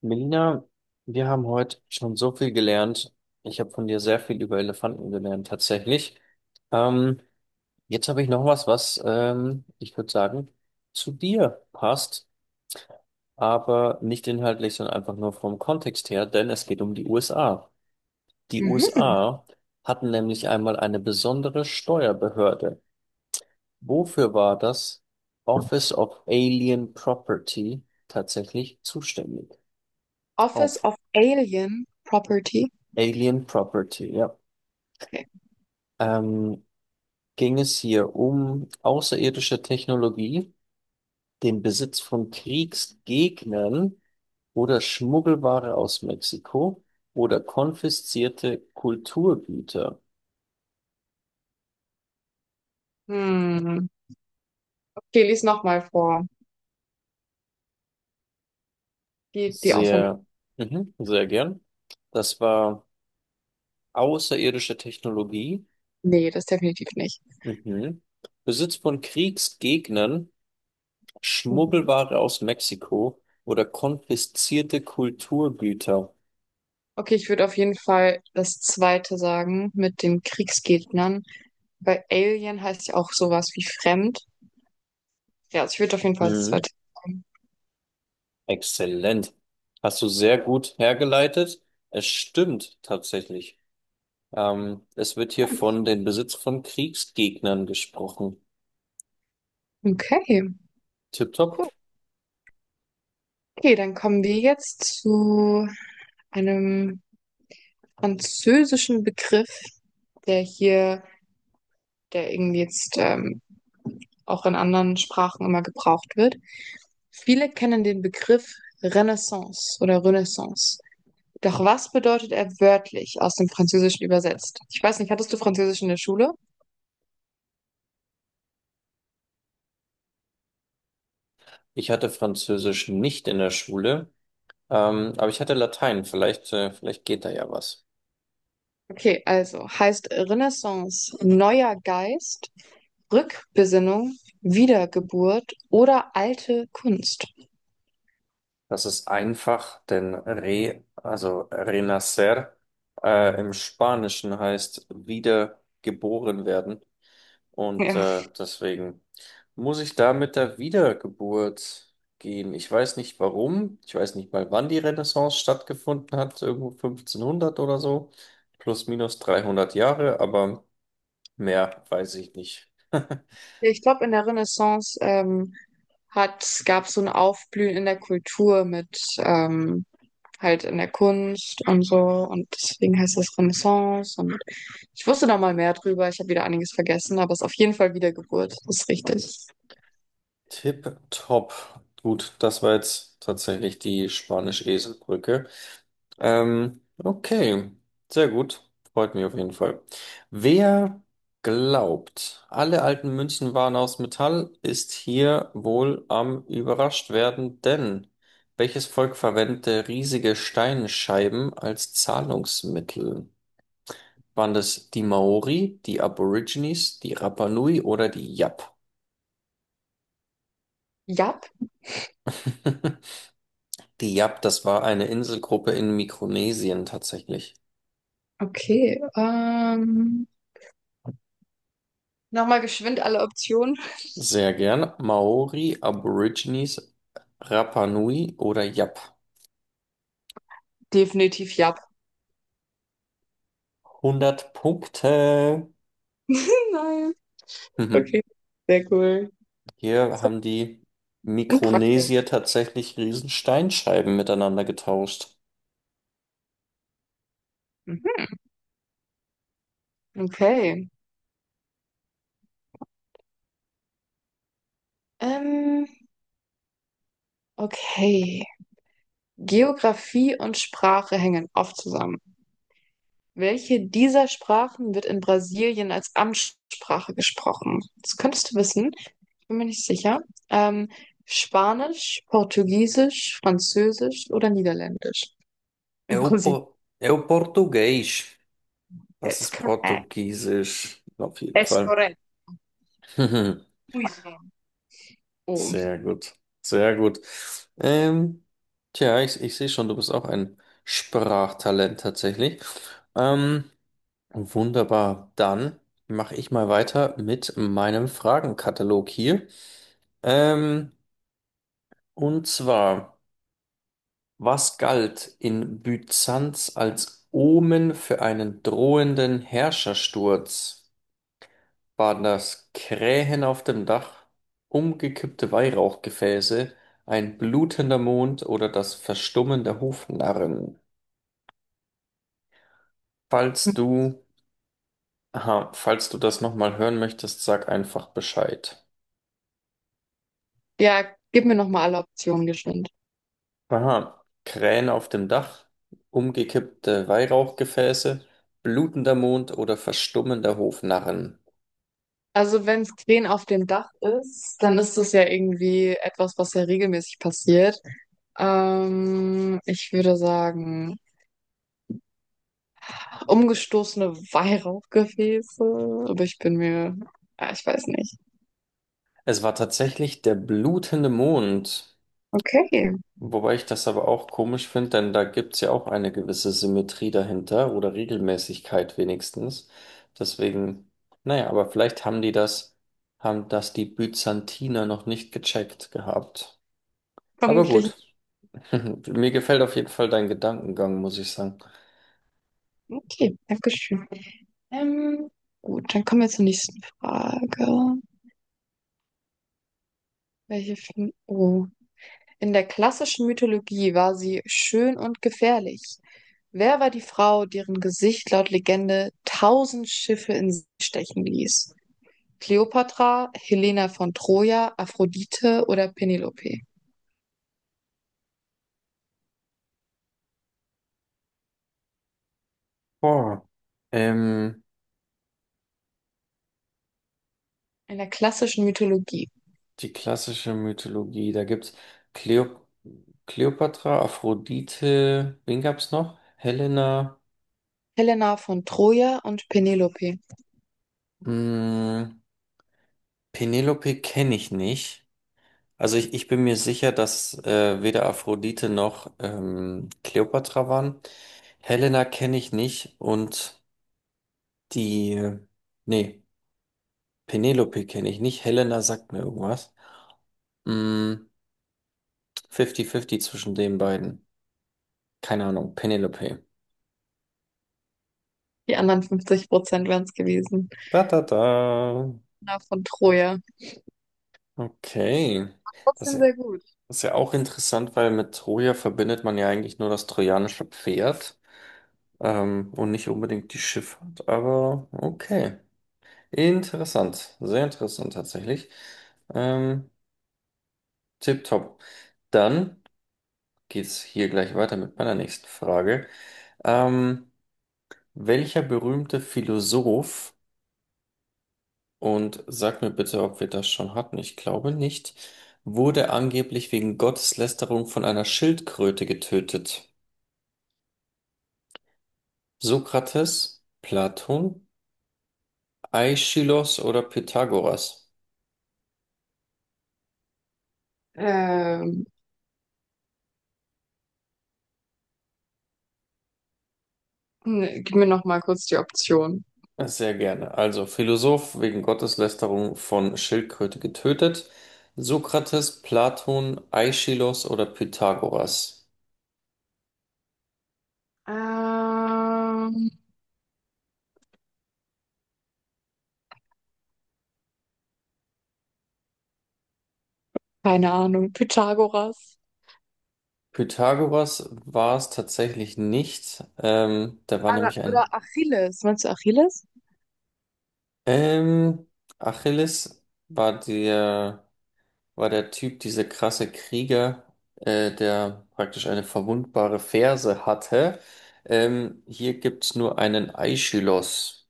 Melina, wir haben heute schon so viel gelernt. Ich habe von dir sehr viel über Elefanten gelernt, tatsächlich. Ähm, Jetzt habe ich noch was, was ich würde sagen, zu dir passt, aber nicht inhaltlich, sondern einfach nur vom Kontext her, denn es geht um die USA. Die Mhm. USA hatten nämlich einmal eine besondere Steuerbehörde. Wofür war das Office of Alien Property tatsächlich zuständig? Office Auf of Alien Property. Alien Property, ja. Okay. ähm, Ging es hier um außerirdische Technologie, den Besitz von Kriegsgegnern oder Schmuggelware aus Mexiko oder konfiszierte Kulturgüter? Hm. Okay, lies nochmal vor. Die Auswahl. Sehr, mhm, sehr gern. Das war außerirdische Technologie, Nee, das definitiv nicht. mhm. Besitz von Kriegsgegnern, Mhm. Schmuggelware aus Mexiko oder konfiszierte Kulturgüter. Okay, ich würde auf jeden Fall das zweite sagen mit den Kriegsgegnern. Bei Alien heißt ja auch sowas wie fremd. Ja, also ich würde auf jeden Fall das Mhm. zweite sagen. Exzellent. Hast du sehr gut hergeleitet. Es stimmt tatsächlich. Es wird hier von den Besitz von Kriegsgegnern gesprochen. Okay, Tipptopp. cool. Okay, dann kommen wir jetzt zu einem französischen Begriff, der hier, der irgendwie jetzt auch in anderen Sprachen immer gebraucht wird. Viele kennen den Begriff Renaissance oder Renaissance. Doch was bedeutet er wörtlich aus dem Französischen übersetzt? Ich weiß nicht, hattest du Französisch in der Schule? Ich hatte Französisch nicht in der Schule, aber ich hatte Latein. Vielleicht, vielleicht geht da ja was. Okay, also heißt Renaissance neuer Geist, Rückbesinnung, Wiedergeburt oder alte Kunst. Das ist einfach, denn re, also renacer, im Spanischen heißt wieder geboren werden. Und Ja, deswegen muss ich da mit der Wiedergeburt gehen. Ich weiß nicht warum. Ich weiß nicht mal, wann die Renaissance stattgefunden hat. Irgendwo 1500 oder so. Plus minus 300 Jahre, aber mehr weiß ich nicht. ich glaube, in der Renaissance hat, gab so ein Aufblühen in der Kultur mit halt in der Kunst und so. Und deswegen heißt das Renaissance. Und ich wusste da mal mehr drüber. Ich habe wieder einiges vergessen, aber es ist auf jeden Fall Wiedergeburt. Das ist richtig. Tipptopp. Gut, das war jetzt tatsächlich die Spanisch-Esel-Brücke. Okay, sehr gut. Freut mich auf jeden Fall. Wer glaubt, alle alten Münzen waren aus Metall, ist hier wohl am überrascht werden, denn welches Volk verwendete riesige Steinscheiben als Zahlungsmittel? Waren das die Maori, die Aborigines, die Rapa Nui oder die Yap? Jap. Die Yap, das war eine Inselgruppe in Mikronesien tatsächlich. Okay. Nochmal geschwind alle Optionen. Sehr gern. Maori, Aborigines, Rapa Nui oder Yap. Definitiv Jap. Hundert Punkte. Nein. Mhm. Okay. Sehr cool. Hier haben die Und Mikronesier praktisch. tatsächlich riesen Steinscheiben miteinander getauscht. Mhm. Okay. Ähm, okay. Geografie und Sprache hängen oft zusammen. Welche dieser Sprachen wird in Brasilien als Amtssprache gesprochen? Das könntest du wissen, bin mir nicht sicher. Ähm, Spanisch, Portugiesisch, Französisch oder Niederländisch? É In o, Brasilien. Por- é o Português. Das That's ist correct. Portugiesisch. Auf jeden That's Fall. correct. Mhm. Muy. Oh. Sehr gut. Sehr gut. Ähm, Tja, ich sehe schon, du bist auch ein Sprachtalent tatsächlich. Ähm, Wunderbar. Dann mache ich mal weiter mit meinem Fragenkatalog hier. Ähm, und zwar, was galt in Byzanz als Omen für einen drohenden Herrschersturz? Waren das Krähen auf dem Dach, umgekippte Weihrauchgefäße, ein blutender Mond oder das Verstummen der Hofnarren? Falls du, aha, falls du das nochmal hören möchtest, sag einfach Bescheid. Ja, gib mir nochmal alle Optionen geschwind. Aha, Krähen auf dem Dach, umgekippte Weihrauchgefäße, blutender Mond oder verstummender Hofnarren. Also wenn es Krähen auf dem Dach ist, dann ist das ja irgendwie etwas, was ja regelmäßig passiert. Ich würde sagen umgestoßene Weihrauchgefäße, aber ich bin mir, ah, ich weiß nicht. Es war tatsächlich der blutende Mond, Okay, wobei ich das aber auch komisch finde, denn da gibt's ja auch eine gewisse Symmetrie dahinter oder Regelmäßigkeit wenigstens. Deswegen, naja, aber vielleicht haben die das, haben das die Byzantiner noch nicht gecheckt gehabt. Aber vermutlich. gut, mir gefällt auf jeden Fall dein Gedankengang, muss ich sagen. Okay, Dankeschön. Ähm, gut, dann kommen wir zur nächsten Frage. Welche Film? Oh. In der klassischen Mythologie war sie schön und gefährlich. Wer war die Frau, deren Gesicht laut Legende 1.000 Schiffe in See stechen ließ? Kleopatra, Helena von Troja, Aphrodite oder Penelope? Boah. Ähm, In der klassischen Mythologie. Die klassische Mythologie, da gibt's Cleo Kleopatra, Aphrodite, wen gab's noch? Helena, Helena von Troja und Penelope. mh, Penelope kenne ich nicht. Also ich bin mir sicher, dass weder Aphrodite noch Kleopatra waren. Helena kenne ich nicht und die, nee, Penelope kenne ich nicht. Helena sagt mir irgendwas. Mh, 50-50 zwischen den beiden. Keine Ahnung, Penelope. Die anderen 50% wären es gewesen. Da, da, da. Helena von Troja. Okay. Das Trotzdem ist ja, sehr gut. das ist ja auch interessant, weil mit Troja verbindet man ja eigentlich nur das trojanische Pferd, und nicht unbedingt die Schifffahrt, aber okay. Interessant. Sehr interessant tatsächlich. Ähm, Tipptopp. Dann geht's hier gleich weiter mit meiner nächsten Frage. Ähm, Welcher berühmte Philosoph. Und sag mir bitte, ob wir das schon hatten. Ich glaube nicht. Wurde angeblich wegen Gotteslästerung von einer Schildkröte getötet. Sokrates, Platon, Aeschylus oder Pythagoras? Ähm, ne, gib mir noch mal kurz die Option. Sehr gerne. Also Philosoph wegen Gotteslästerung von Schildkröte getötet. Sokrates, Platon, Aeschylus oder Pythagoras? Ähm, keine Ahnung. Pythagoras. Pythagoras war es tatsächlich nicht. Der war nämlich Oder ein. Achilles. Meinst du Achilles? Ähm, Achilles war der, war der Typ, dieser krasse Krieger, der praktisch eine verwundbare Ferse hatte. Hier gibt's nur einen Aeschylus.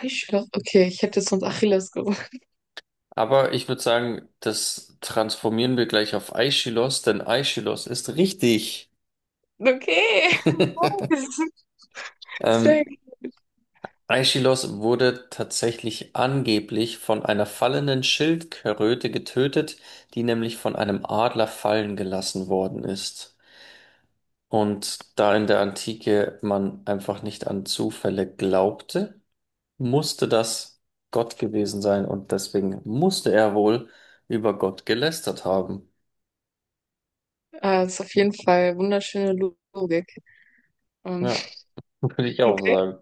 Heißsporn? Okay, ich hätte sonst Achilles gesagt. Aber ich würde sagen, das transformieren wir gleich auf Aeschylus, denn Aeschylus ist richtig. Okay. Ähm, Deswegen. Aeschylus wurde tatsächlich angeblich von einer fallenden Schildkröte getötet, die nämlich von einem Adler fallen gelassen worden ist. Und da in der Antike man einfach nicht an Zufälle glaubte, musste das Gott gewesen sein und deswegen musste er wohl über Gott gelästert haben. Ah, ist auf jeden Fall wunderschöne Logik. Ähm, Ja, würde ich auch okay. sagen.